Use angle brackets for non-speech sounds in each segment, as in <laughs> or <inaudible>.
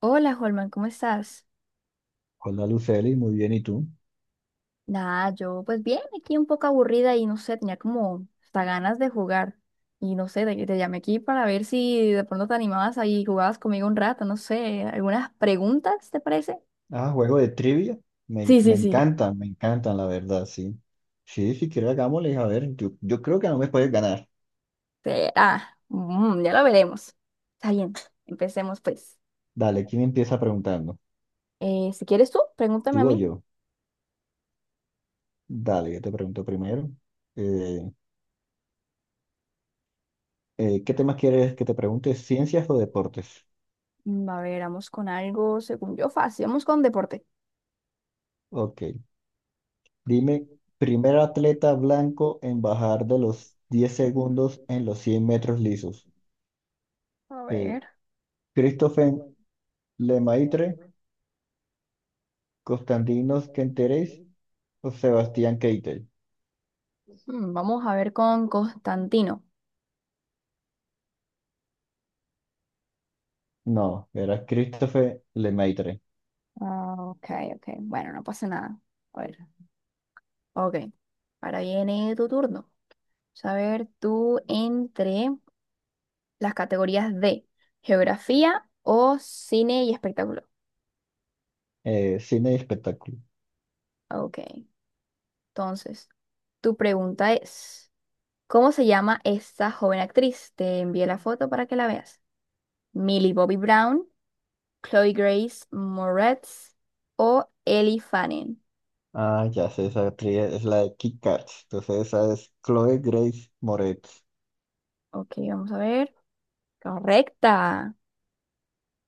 Hola, Holman, ¿cómo estás? Hola Luceli, muy bien, ¿y tú? Nada, yo pues bien, aquí un poco aburrida y no sé, tenía como hasta ganas de jugar. Y no sé, te llamé aquí para ver si de pronto te animabas ahí y jugabas conmigo un rato, no sé, algunas preguntas, ¿te parece? Ah, juego de trivia. Me, Sí, me sí, sí. encantan, me encantan, la verdad, sí. Sí, si quieres hagámosle, a ver, yo creo que no me puedes ganar. Será. Ya lo veremos. Está bien, empecemos pues. Dale, ¿quién empieza preguntando? Si quieres tú, pregúntame a ¿Tú o mí. yo? Dale, yo te pregunto primero. Eh, ¿Qué temas quieres que te pregunte? ¿Ciencias o deportes? A ver, vamos con algo, según yo, fácil. Vamos con deporte. Ok, dime, primer atleta blanco en bajar de los 10 segundos en los 100 metros lisos. A Eh, ver. Christopher Lemaitre, Constantinos Kenteris Sebastián Keitel. Vamos a ver con Constantino. No, era Christopher Lemaitre. Ah, ok, ok. Bueno, no pasa nada. A ver, ok. Ahora viene tu turno. A ver, tú entre las categorías de geografía o cine y espectáculo. Cine y espectáculo. Ok. Entonces, tu pregunta es, ¿cómo se llama esta joven actriz? Te envié la foto para que la veas. Millie Bobby Brown, Chloe Grace Moretz o Ellie Fanning. Ah, ya sé, esa actriz es la de Kick-Ass. Entonces esa es Chloe Grace Moretz. Ok, vamos a ver. Correcta.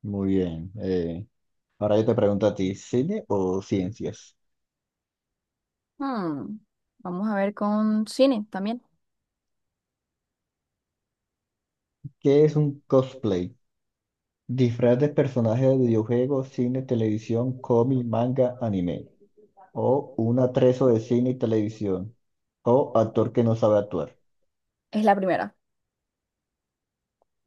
Muy bien. Ahora yo te pregunto a ti, ¿cine o ciencias? Hmm, Vamos a ver con cine también. ¿Qué es un cosplay? Disfraz de personaje de videojuego, cine, televisión, cómic, manga, anime. O un atrezo de cine y televisión. O actor que no sabe actuar. Es la primera.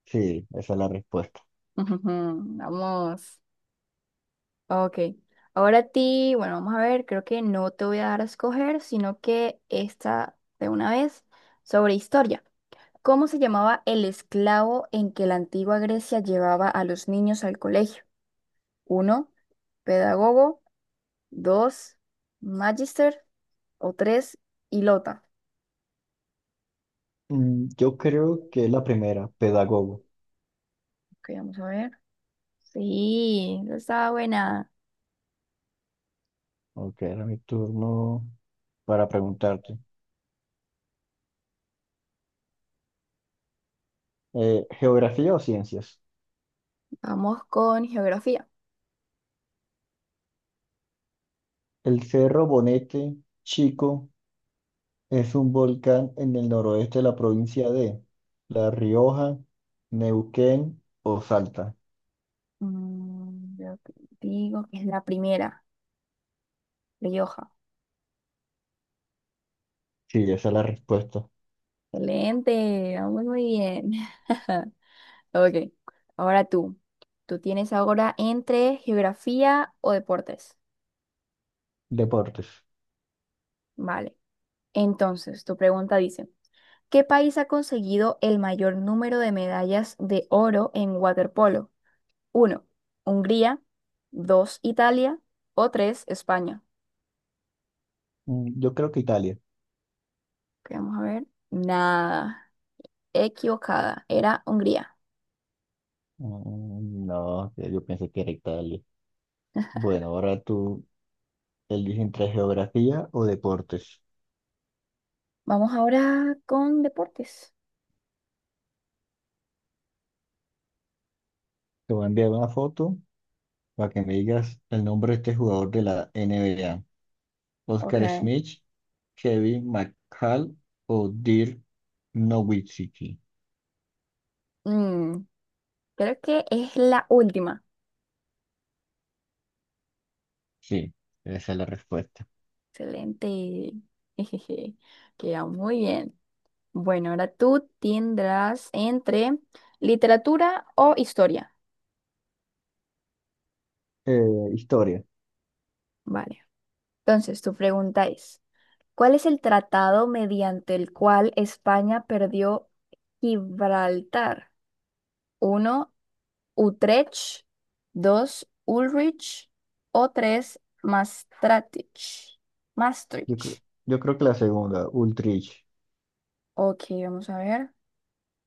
Sí, esa es la respuesta. <laughs> Ujujú, vamos. Ok. Ahora a ti, bueno, vamos a ver, creo que no te voy a dar a escoger, sino que esta de una vez sobre historia. ¿Cómo se llamaba el esclavo en que la antigua Grecia llevaba a los niños al colegio? Uno, pedagogo, dos, magister o tres, hilota. Yo creo que es la primera, pedagogo. Ok, vamos a ver. Sí, esa está buena. Ok, era mi turno para preguntarte. ¿Geografía o ciencias? Vamos con geografía. El Cerro Bonete Chico es un volcán en el noroeste de la provincia de La Rioja, Neuquén o Salta. Yo te digo que es la primera, Rioja. Sí, esa es la respuesta. Excelente, vamos muy bien. <laughs> Ok, ahora tú. Tú tienes ahora entre geografía o deportes. Deportes. Vale. Entonces, tu pregunta dice, ¿qué país ha conseguido el mayor número de medallas de oro en waterpolo? Uno, Hungría. Dos, Italia. O 3, España. Yo creo que Italia. Ok, vamos a ver. Nada. Equivocada. Era Hungría. No, yo pensé que era Italia. Bueno, ahora tú eliges entre geografía o deportes. Vamos ahora con deportes. Te voy a enviar una foto para que me digas el nombre de este jugador de la NBA. Ok. Oscar Schmidt, Kevin McHale o Dirk Nowitzki. Mm, Creo que es la última. Sí, esa es la respuesta. Excelente. <laughs> Jejeje. Queda muy bien. Bueno, ahora tú tendrás entre literatura o historia. Eh, Historia. Vale. Entonces, tu pregunta es, ¿cuál es el tratado mediante el cual España perdió Gibraltar? Uno, Utrecht, 2 Ulrich o 3 Maastricht. Yo creo, Maastricht. yo creo que la segunda, Ultrich. Ok, vamos a ver.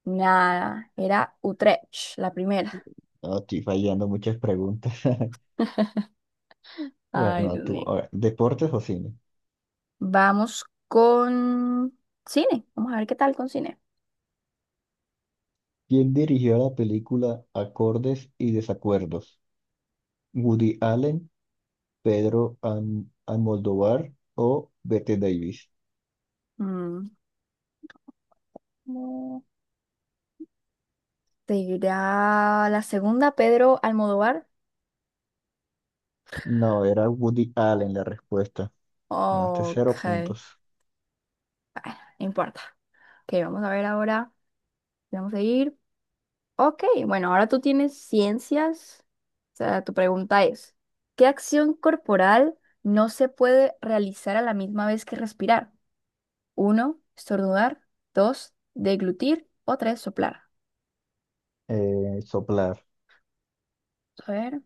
Nada, era Utrecht, la primera. No, estoy fallando muchas preguntas. <laughs> Ay, Bueno, Dios tú, mío. a ver, deportes o cine. Vamos con cine. Vamos a ver qué tal con cine. ¿Quién dirigió la película Acordes y Desacuerdos? ¿Woody Allen, Pedro Almodóvar o Bette Davis? Mm, ¿cómo ¿Te irá la segunda, Pedro Almodóvar? No, era Woody Allen la respuesta. Ganaste Ok, cero bueno, puntos. no importa. Ok, vamos a ver ahora. Vamos a ir. Ok, bueno, ahora tú tienes ciencias. O sea, tu pregunta es, ¿qué acción corporal no se puede realizar a la misma vez que respirar? Uno, estornudar. Dos, deglutir. O tres, soplar. Soplar. A ver.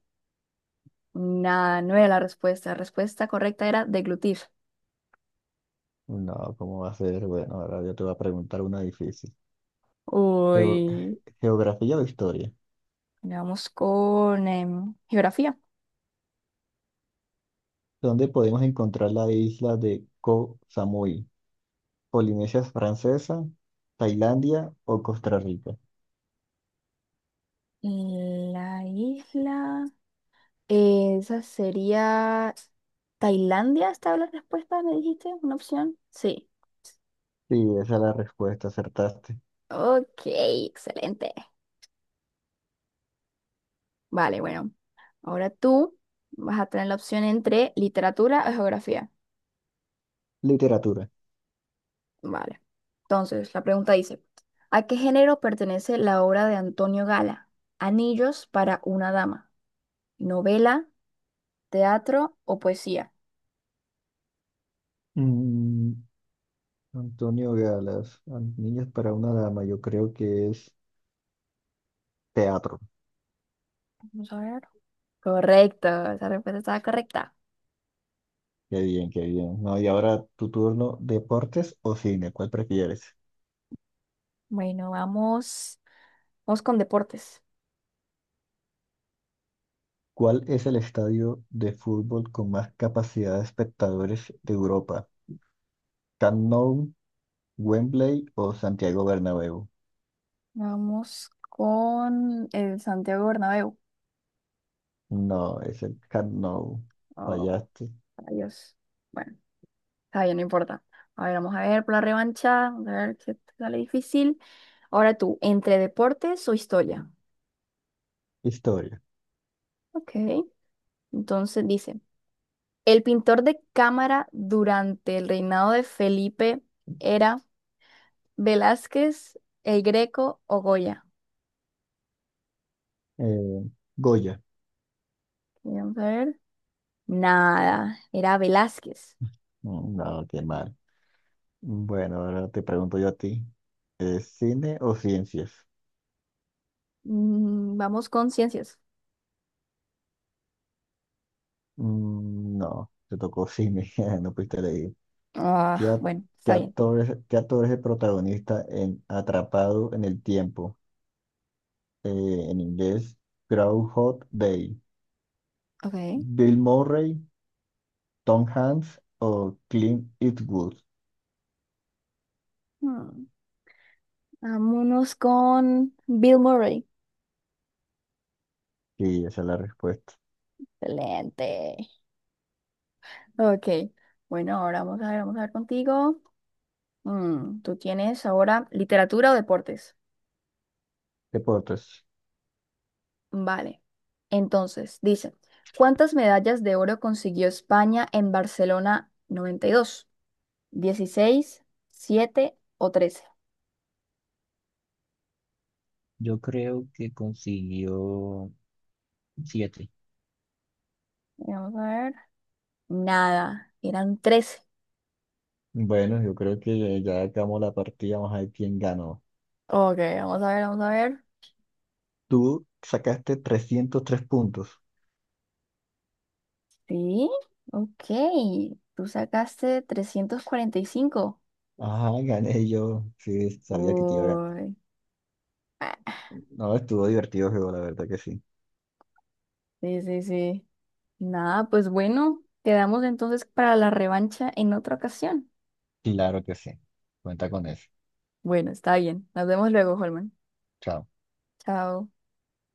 Nada, no era la respuesta. La respuesta correcta era deglutir. No, ¿cómo va a ser? Bueno, ahora yo te voy a preguntar una difícil. Geo- Uy, ¿Geografía o historia? bueno, vamos con geografía. ¿Dónde podemos encontrar la isla de Koh Samui? ¿Polinesia Francesa, Tailandia o Costa Rica? La isla. Esa sería Tailandia, ¿estaba la respuesta? ¿Me dijiste? ¿Una opción? Sí. Sí, esa es la respuesta, acertaste. Ok, excelente. Vale, bueno. Ahora tú vas a tener la opción entre literatura o geografía. Literatura. Vale. Entonces, la pregunta dice, ¿a qué género pertenece la obra de Antonio Gala? Anillos para una dama, novela, teatro o poesía. Mm, Antonio Galas, Niños para una dama, yo creo que es teatro. Vamos a ver. Correcto, esa respuesta estaba correcta. Qué bien, qué bien. No, y ahora tu turno, ¿deportes o cine? ¿Cuál prefieres? Bueno, vamos, vamos con deportes. ¿Cuál es el estadio de fútbol con más capacidad de espectadores de Europa? ¿Camp Nou, Wembley o Santiago Bernabéu? Vamos con el Santiago Bernabéu. No, es el Camp Nou. Oh, Fallaste. rayos. Bueno, está bien, no importa. A ver, vamos a ver por la revancha. Vamos a ver qué te sale difícil. Ahora tú, ¿entre deportes o historia? Historia. Ok. Entonces dice, el pintor de cámara durante el reinado de Felipe era Velázquez, el Greco o Goya. Eh, Goya. Vamos a ver. Nada, era Velázquez. No, qué mal. Bueno, ahora te pregunto yo a ti. ¿Es cine o ciencias? Vamos con ciencias. No, te tocó cine, <laughs> no pudiste leer. ¿Qué, Ah, a- bueno, qué está bien. actor es el protagonista en Atrapado en el Tiempo? En inglés, Groundhog Day. Ok. ¿Bill Murray, Tom Hanks o Clint Eastwood? Hmm, Vámonos con Bill Murray. Sí, esa es la respuesta. Excelente. Ok. Bueno, ahora vamos a ver contigo. Tú tienes ahora literatura o deportes. Deportes. Vale. Entonces, dice, ¿cuántas medallas de oro consiguió España en Barcelona 92? ¿16, 7 o 13? Yo creo que consiguió siete. Vamos a ver. Nada, eran 13. Bueno, yo creo que ya acabamos la partida, vamos a ver quién ganó. Ok, vamos a ver, vamos a ver. Tú sacaste 303 puntos. Sí, ok. Tú sacaste 345. Ajá, gané yo. Sí, sabía que te iba a ganar. Uy. Ah, No, estuvo divertido el juego, la verdad que sí. sí, sí, sí. Nada, pues bueno, quedamos entonces para la revancha en otra ocasión. Claro que sí. Cuenta con eso. Bueno, está bien. Nos vemos luego, Holman. Chao. Chao.